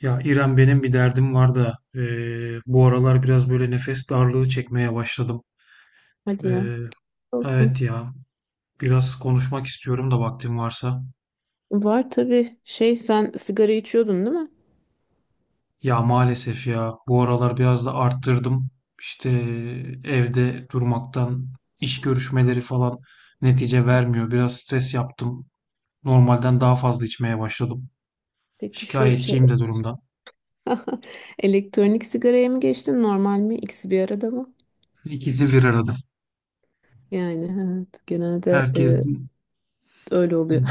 Ya İrem benim bir derdim var da bu aralar biraz böyle nefes darlığı çekmeye başladım. Hadi ya. Eee, evet Olsun. ya, biraz konuşmak istiyorum da vaktim varsa. Var tabii. Şey, sen sigara içiyordun, değil mi? Ya maalesef ya, bu aralar biraz da arttırdım. İşte evde durmaktan, iş görüşmeleri falan netice vermiyor. Biraz stres yaptım. Normalden daha fazla içmeye başladım. Peki şu şey Şikayetçiyim de durumdan. elektronik sigaraya mı geçtin, normal mi? İkisi bir arada mı? İkisi bir arada. Yani evet, genelde Herkesin. öyle Hı oluyor. hı.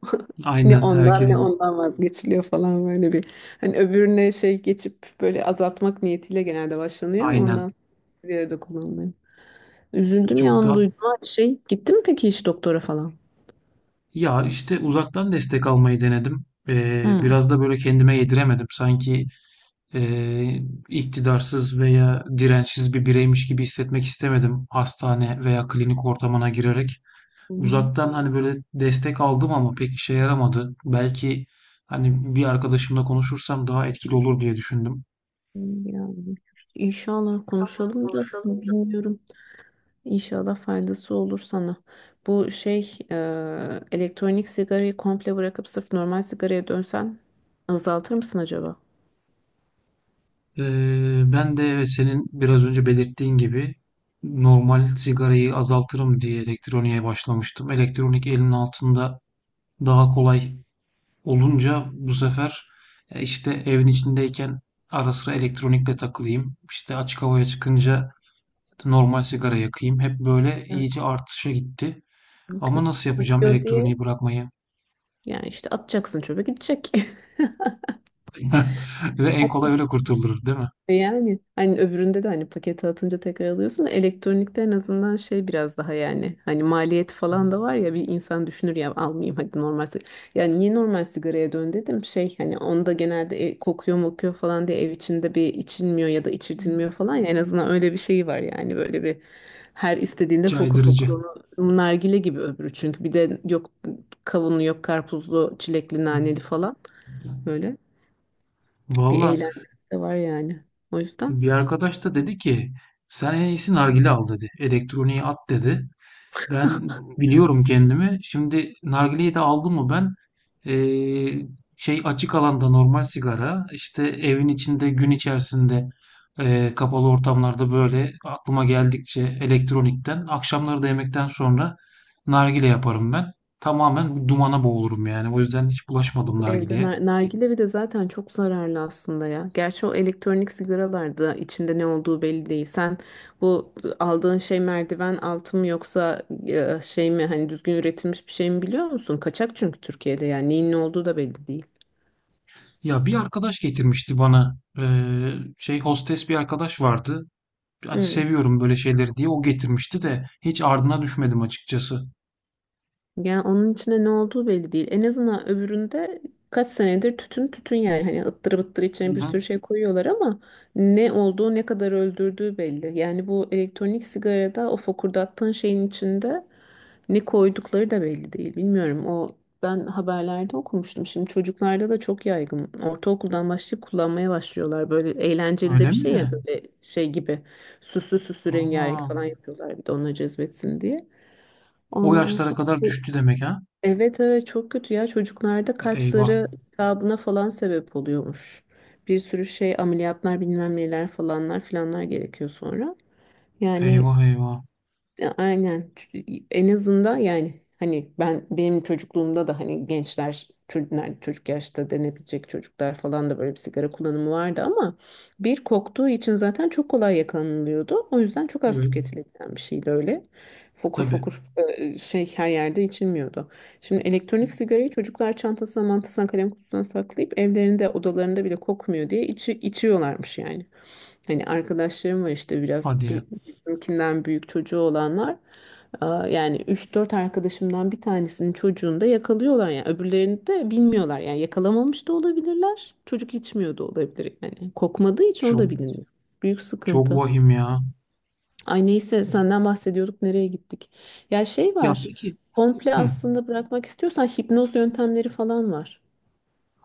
Ne Aynen, ondan ne herkesin. ondan vazgeçiliyor falan böyle bir. Hani öbürüne şey geçip böyle azaltmak niyetiyle genelde başlanıyor ama Aynen, ondan sonra bir arada kullanılıyor. Üzüldüm ya çok onu da. duyduğuma. Şey, gittin mi peki hiç doktora falan? Ya işte uzaktan destek almayı denedim. Biraz da böyle kendime yediremedim. Sanki e, iktidarsız veya dirençsiz bir bireymiş gibi hissetmek istemedim, hastane veya klinik ortamına girerek. Hı. Uzaktan hani böyle destek aldım ama pek işe yaramadı. Belki hani bir arkadaşımla konuşursam daha etkili olur diye düşündüm. Yani inşallah konuşalım da bilmiyorum. İnşallah faydası olur sana. Bu şey elektronik sigarayı komple bırakıp sırf normal sigaraya dönsen azaltır mısın acaba? Ben de evet, senin biraz önce belirttiğin gibi normal sigarayı azaltırım diye elektroniğe başlamıştım. Elektronik elimin altında daha kolay olunca, bu sefer işte evin içindeyken ara sıra elektronikle takılayım, işte açık havaya çıkınca normal sigara yakayım. Hep böyle Yani iyice artışa gitti. Ama çünkü nasıl yapacağım kokuyor diye, elektroniği bırakmayı? yani işte atacaksın, çöpe gidecek. Ve en kolay öyle kurtulur, değil mi? E yani hani öbüründe de hani pakete atınca tekrar alıyorsun. Da elektronikte en azından şey biraz daha, yani hani maliyet falan da var ya, bir insan düşünür ya, almayayım hadi normal sigara. Yani niye normal sigaraya dön dedim, şey hani onda genelde kokuyor mokuyor falan diye ev içinde bir içilmiyor ya da içirtilmiyor falan ya, en azından öyle bir şey var yani, böyle bir her istediğinde fokur fokur Caydırıcı. onu nargile gibi, öbürü çünkü bir de yok kavunlu, yok karpuzlu, çilekli, naneli falan, böyle bir Valla, eğlence de var yani, o yüzden. bir arkadaş da dedi ki sen en iyisi nargile al dedi. Elektroniği at dedi. Ben biliyorum kendimi. Şimdi nargileyi de aldım mı ben, eee, şey, açık alanda normal sigara, işte evin içinde gün içerisinde, kapalı ortamlarda böyle aklıma geldikçe elektronikten, akşamları da yemekten sonra nargile yaparım ben. Tamamen bu dumana boğulurum yani. O yüzden hiç bulaşmadım Evde nargileye. Nargile bir de zaten çok zararlı aslında ya. Gerçi o elektronik sigaralarda içinde ne olduğu belli değil. Sen bu aldığın şey merdiven altı mı yoksa şey mi, hani düzgün üretilmiş bir şey mi, biliyor musun? Kaçak çünkü Türkiye'de, yani neyin ne olduğu da belli değil. Ya bir arkadaş getirmişti bana, şey, hostes bir arkadaş vardı. Hani seviyorum böyle şeyleri diye o getirmişti de hiç ardına düşmedim açıkçası. Yani onun içinde ne olduğu belli değil. En azından öbüründe kaç senedir tütün tütün, yani hani ıttırı bıttırı içine bir Hı. sürü şey koyuyorlar ama ne olduğu, ne kadar öldürdüğü belli. Yani bu elektronik sigarada o fokurdattığın şeyin içinde ne koydukları da belli değil. Bilmiyorum, o ben haberlerde okumuştum. Şimdi çocuklarda da çok yaygın. Ortaokuldan başlayıp kullanmaya başlıyorlar. Böyle eğlenceli de Öyle bir şey ya, mi? böyle şey gibi süslü süslü, rengarenk Aa, falan yapıyorlar bir de onları cezbetsin diye. o Ondan yaşlara sonra kadar düştü demek ha? evet, evet çok kötü ya, çocuklarda kalp Eyvah. zarı iltihabına falan sebep oluyormuş. Bir sürü şey, ameliyatlar, bilmem neler, falanlar filanlar gerekiyor sonra. Yani Eyvah, eyvah. ya, aynen. Çünkü en azından yani hani ben benim çocukluğumda da hani gençler, çocuklar, çocuk yaşta denebilecek çocuklar falan da böyle bir sigara kullanımı vardı ama bir koktuğu için zaten çok kolay yakalanılıyordu. O yüzden çok az Evet. tüketilebilen bir şeydi öyle. Fokur Tabii. fokur şey her yerde içilmiyordu. Şimdi elektronik sigarayı çocuklar çantasına, mantasına, kalem kutusuna saklayıp evlerinde, odalarında bile kokmuyor diye içiyorlarmış yani. Hani arkadaşlarım var işte biraz Hadi ya. Bizimkinden büyük çocuğu olanlar. Aa, yani üç dört arkadaşımdan bir tanesinin çocuğunu da yakalıyorlar, yani öbürlerini de bilmiyorlar, yani yakalamamış da olabilirler, çocuk içmiyor da olabilir yani, kokmadığı için o da Çok, bilinmiyor, büyük çok sıkıntı. vahim ya. Ay neyse, senden bahsediyorduk, nereye gittik. Ya şey Ya var, peki. komple Hı. aslında bırakmak istiyorsan hipnoz yöntemleri falan var.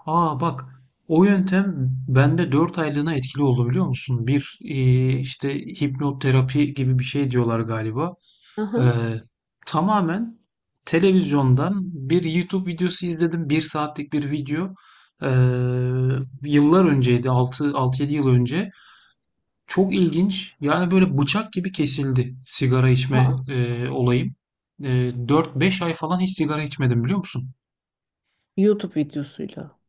Aa, bak. O yöntem bende 4 aylığına etkili oldu, biliyor musun? Bir, işte hipnoterapi gibi bir şey diyorlar galiba. Aha. Eee, Tamamen televizyondan bir YouTube videosu izledim. Bir saatlik bir video. Eee, Yıllar önceydi. Altı, 6, yedi yıl önce. Çok ilginç. Yani böyle bıçak gibi kesildi sigara içme Aa. Olayım. 4-5 ay falan hiç sigara içmedim, biliyor musun? YouTube videosuyla,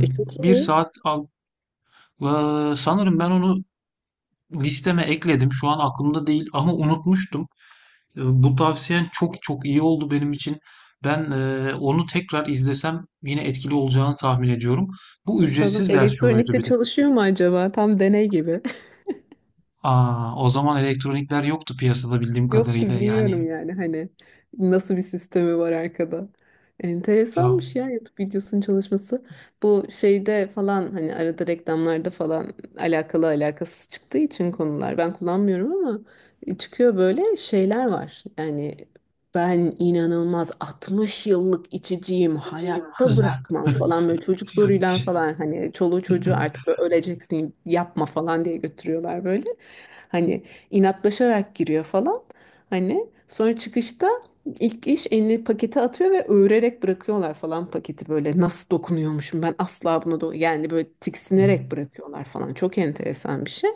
e çok Bir iyi. saat al. Sanırım ben onu listeme ekledim. Şu an aklımda değil ama unutmuştum. Bu tavsiyen çok çok iyi oldu benim için. Ben onu tekrar izlesem yine etkili olacağını tahmin ediyorum. Bu Bakalım ücretsiz versiyonuydu elektronikte bir de. çalışıyor mu acaba? Tam deney gibi. Aa, o zaman elektronikler yoktu piyasada bildiğim Yoktu, kadarıyla. Yani bilmiyorum yani hani nasıl bir sistemi var arkada. ya. Enteresanmış ya, YouTube videosunun çalışması. Bu şeyde falan hani arada reklamlarda falan alakalı alakasız çıktığı için konular ben kullanmıyorum ama çıkıyor böyle şeyler var. Yani ben inanılmaz 60 yıllık içiciyim, hayatta bırakmam falan, böyle çocuk zoruyla falan, hani çoluğu çocuğu artık, böyle öleceksin, yapma falan diye götürüyorlar böyle. Hani inatlaşarak giriyor falan. Hani sonra çıkışta ilk iş elini pakete atıyor ve öğrerek bırakıyorlar falan paketi, böyle nasıl dokunuyormuşum ben asla bunu yani, böyle tiksinerek bırakıyorlar falan, çok enteresan bir şey.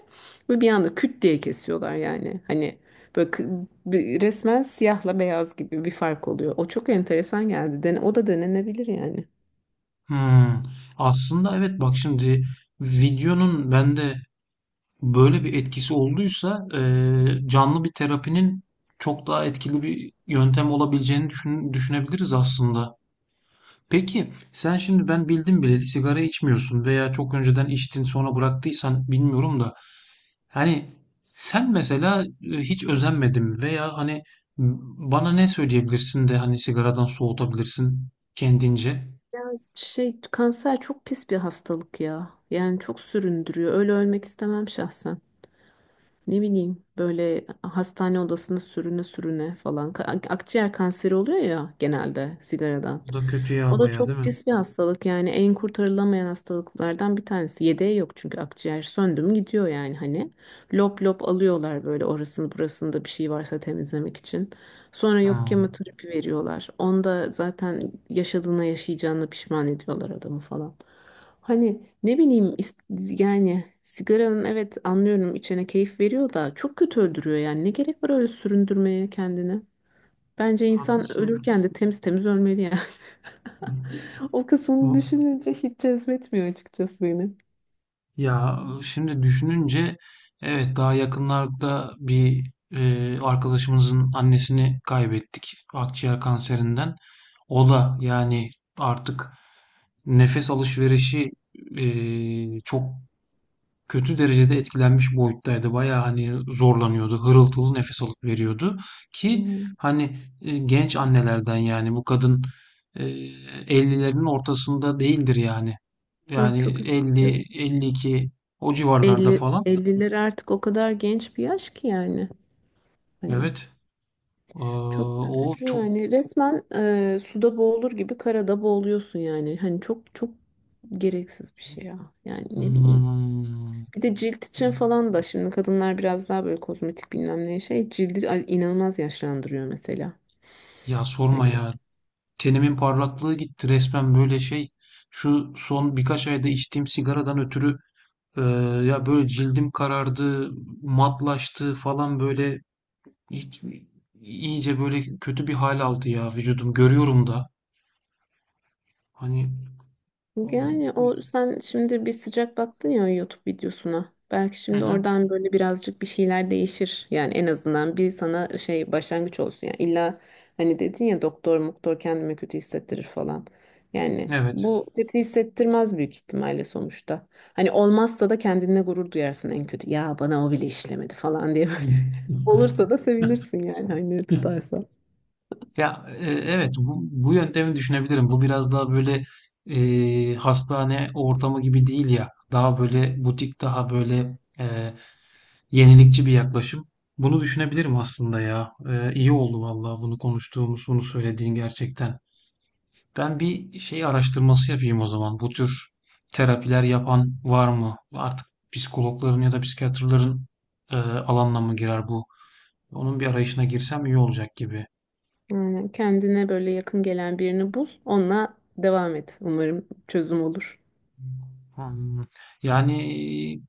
Ve bir anda küt diye kesiyorlar yani, hani böyle resmen siyahla beyaz gibi bir fark oluyor, o çok enteresan geldi. Den o da denenebilir yani. Hmm. Aslında evet, bak şimdi, videonun bende böyle bir etkisi olduysa, canlı bir terapinin çok daha etkili bir yöntem olabileceğini düşünebiliriz aslında. Peki sen şimdi, ben bildim bileli sigara içmiyorsun veya çok önceden içtin sonra bıraktıysan bilmiyorum da, hani sen mesela, hiç özenmedin veya hani, bana ne söyleyebilirsin de hani sigaradan soğutabilirsin kendince? Şey, kanser çok pis bir hastalık ya, yani çok süründürüyor, öyle ölmek istemem şahsen. Ne bileyim, böyle hastane odasında sürüne sürüne falan. Akciğer kanseri oluyor ya genelde sigaradan. Bu da kötü ya, O da bayağı değil çok mi? pis bir hastalık yani, en kurtarılamayan hastalıklardan bir tanesi. Yedeği yok, çünkü akciğer söndü mü gidiyor yani hani. Lop lop alıyorlar böyle, orasını burasında bir şey varsa temizlemek için. Sonra yok Ha, kemoterapi veriyorlar. Onda zaten yaşadığına, yaşayacağına pişman ediyorlar adamı falan. Hani ne bileyim yani sigaranın, evet anlıyorum içene keyif veriyor da çok kötü öldürüyor yani. Ne gerek var öyle süründürmeye kendini? Bence insan haklısın. ölürken de temiz temiz ölmeli yani. O kısmını düşününce hiç cezbetmiyor açıkçası beni. Ya şimdi düşününce, evet, daha yakınlarda bir arkadaşımızın annesini kaybettik akciğer kanserinden. O da yani artık nefes alışverişi e, çok kötü derecede etkilenmiş boyuttaydı. Baya hani zorlanıyordu, hırıltılı nefes alıp veriyordu ki Hmm. hani, genç annelerden yani bu kadın, e, 50'lerin ortasında değildir yani. Ah, Yani çok üzücü. 50, 52, o civarlarda Elli falan. elliler artık o kadar genç bir yaş ki yani. Hani Evet. Çok O üzücü çok... yani. Resmen suda boğulur gibi karada boğuluyorsun yani. Hani çok çok gereksiz bir şey ya. Yani ne bileyim. Hmm. Bir de cilt için falan da şimdi kadınlar biraz daha böyle kozmetik bilmem ne, şey cildi inanılmaz yaşlandırıyor mesela. Ya sorma Hani ya. Tenimin parlaklığı gitti resmen, böyle şey. Şu son birkaç ayda içtiğim sigaradan ötürü, e, ya böyle cildim karardı, matlaştı falan, böyle hiç, iyice böyle kötü bir hal aldı ya vücudum. Görüyorum da. Hani. yani o sen şimdi bir sıcak baktın ya o YouTube videosuna. Belki Hı şimdi hı. oradan böyle birazcık bir şeyler değişir. Yani en azından bir sana şey başlangıç olsun. Yani illa hani dedin ya, doktor muktor kendimi kötü hissettirir falan. Yani Evet. bu kötü hissettirmez büyük ihtimalle sonuçta. Hani olmazsa da kendine gurur duyarsın en kötü. Ya bana o bile işlemedi falan diye böyle. Olursa da sevinirsin yani hani tutarsa. Ya, evet, bu yöntemi düşünebilirim. Bu biraz daha böyle, hastane ortamı gibi değil ya. Daha böyle butik, daha böyle yenilikçi bir yaklaşım. Bunu düşünebilirim aslında ya. İyi oldu vallahi bunu konuştuğumuz, bunu söylediğin, gerçekten. Ben bir şey araştırması yapayım o zaman. Bu tür terapiler yapan var mı? Artık psikologların ya da psikiyatrların alanına mı girer bu? Onun bir arayışına girsem iyi olacak gibi. Aynen. Kendine böyle yakın gelen birini bul, onunla devam et. Umarım çözüm olur. Hmm. Yani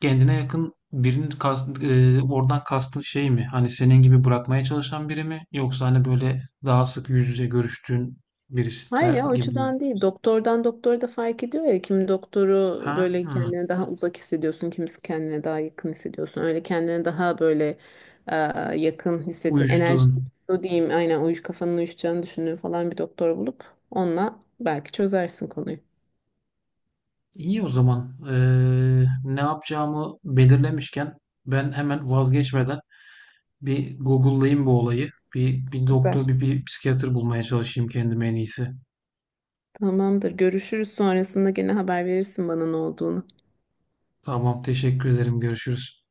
kendine yakın birinin oradan kastın şey mi? Hani senin gibi bırakmaya çalışan biri mi? Yoksa hani böyle daha sık yüz yüze görüştüğün birisi Hayır de ya, o gibi mi? açıdan değil. Doktordan doktora da fark ediyor ya. Kimi doktoru Ha, böyle ha. kendine daha uzak hissediyorsun, kimisi kendine daha yakın hissediyorsun. Öyle kendine daha böyle e, yakın hissettiğin, enerji Uyuştuğun. o diyeyim, aynen uyuş, kafanın uyuşacağını düşündüğün falan bir doktor bulup onunla belki çözersin konuyu. İyi o zaman. Ne yapacağımı belirlemişken, ben hemen vazgeçmeden bir Google'layayım bu olayı. Bir doktor, Süper. bir psikiyatr bulmaya çalışayım kendime en iyisi. Tamamdır. Görüşürüz, sonrasında gene haber verirsin bana ne olduğunu. Tamam, teşekkür ederim. Görüşürüz.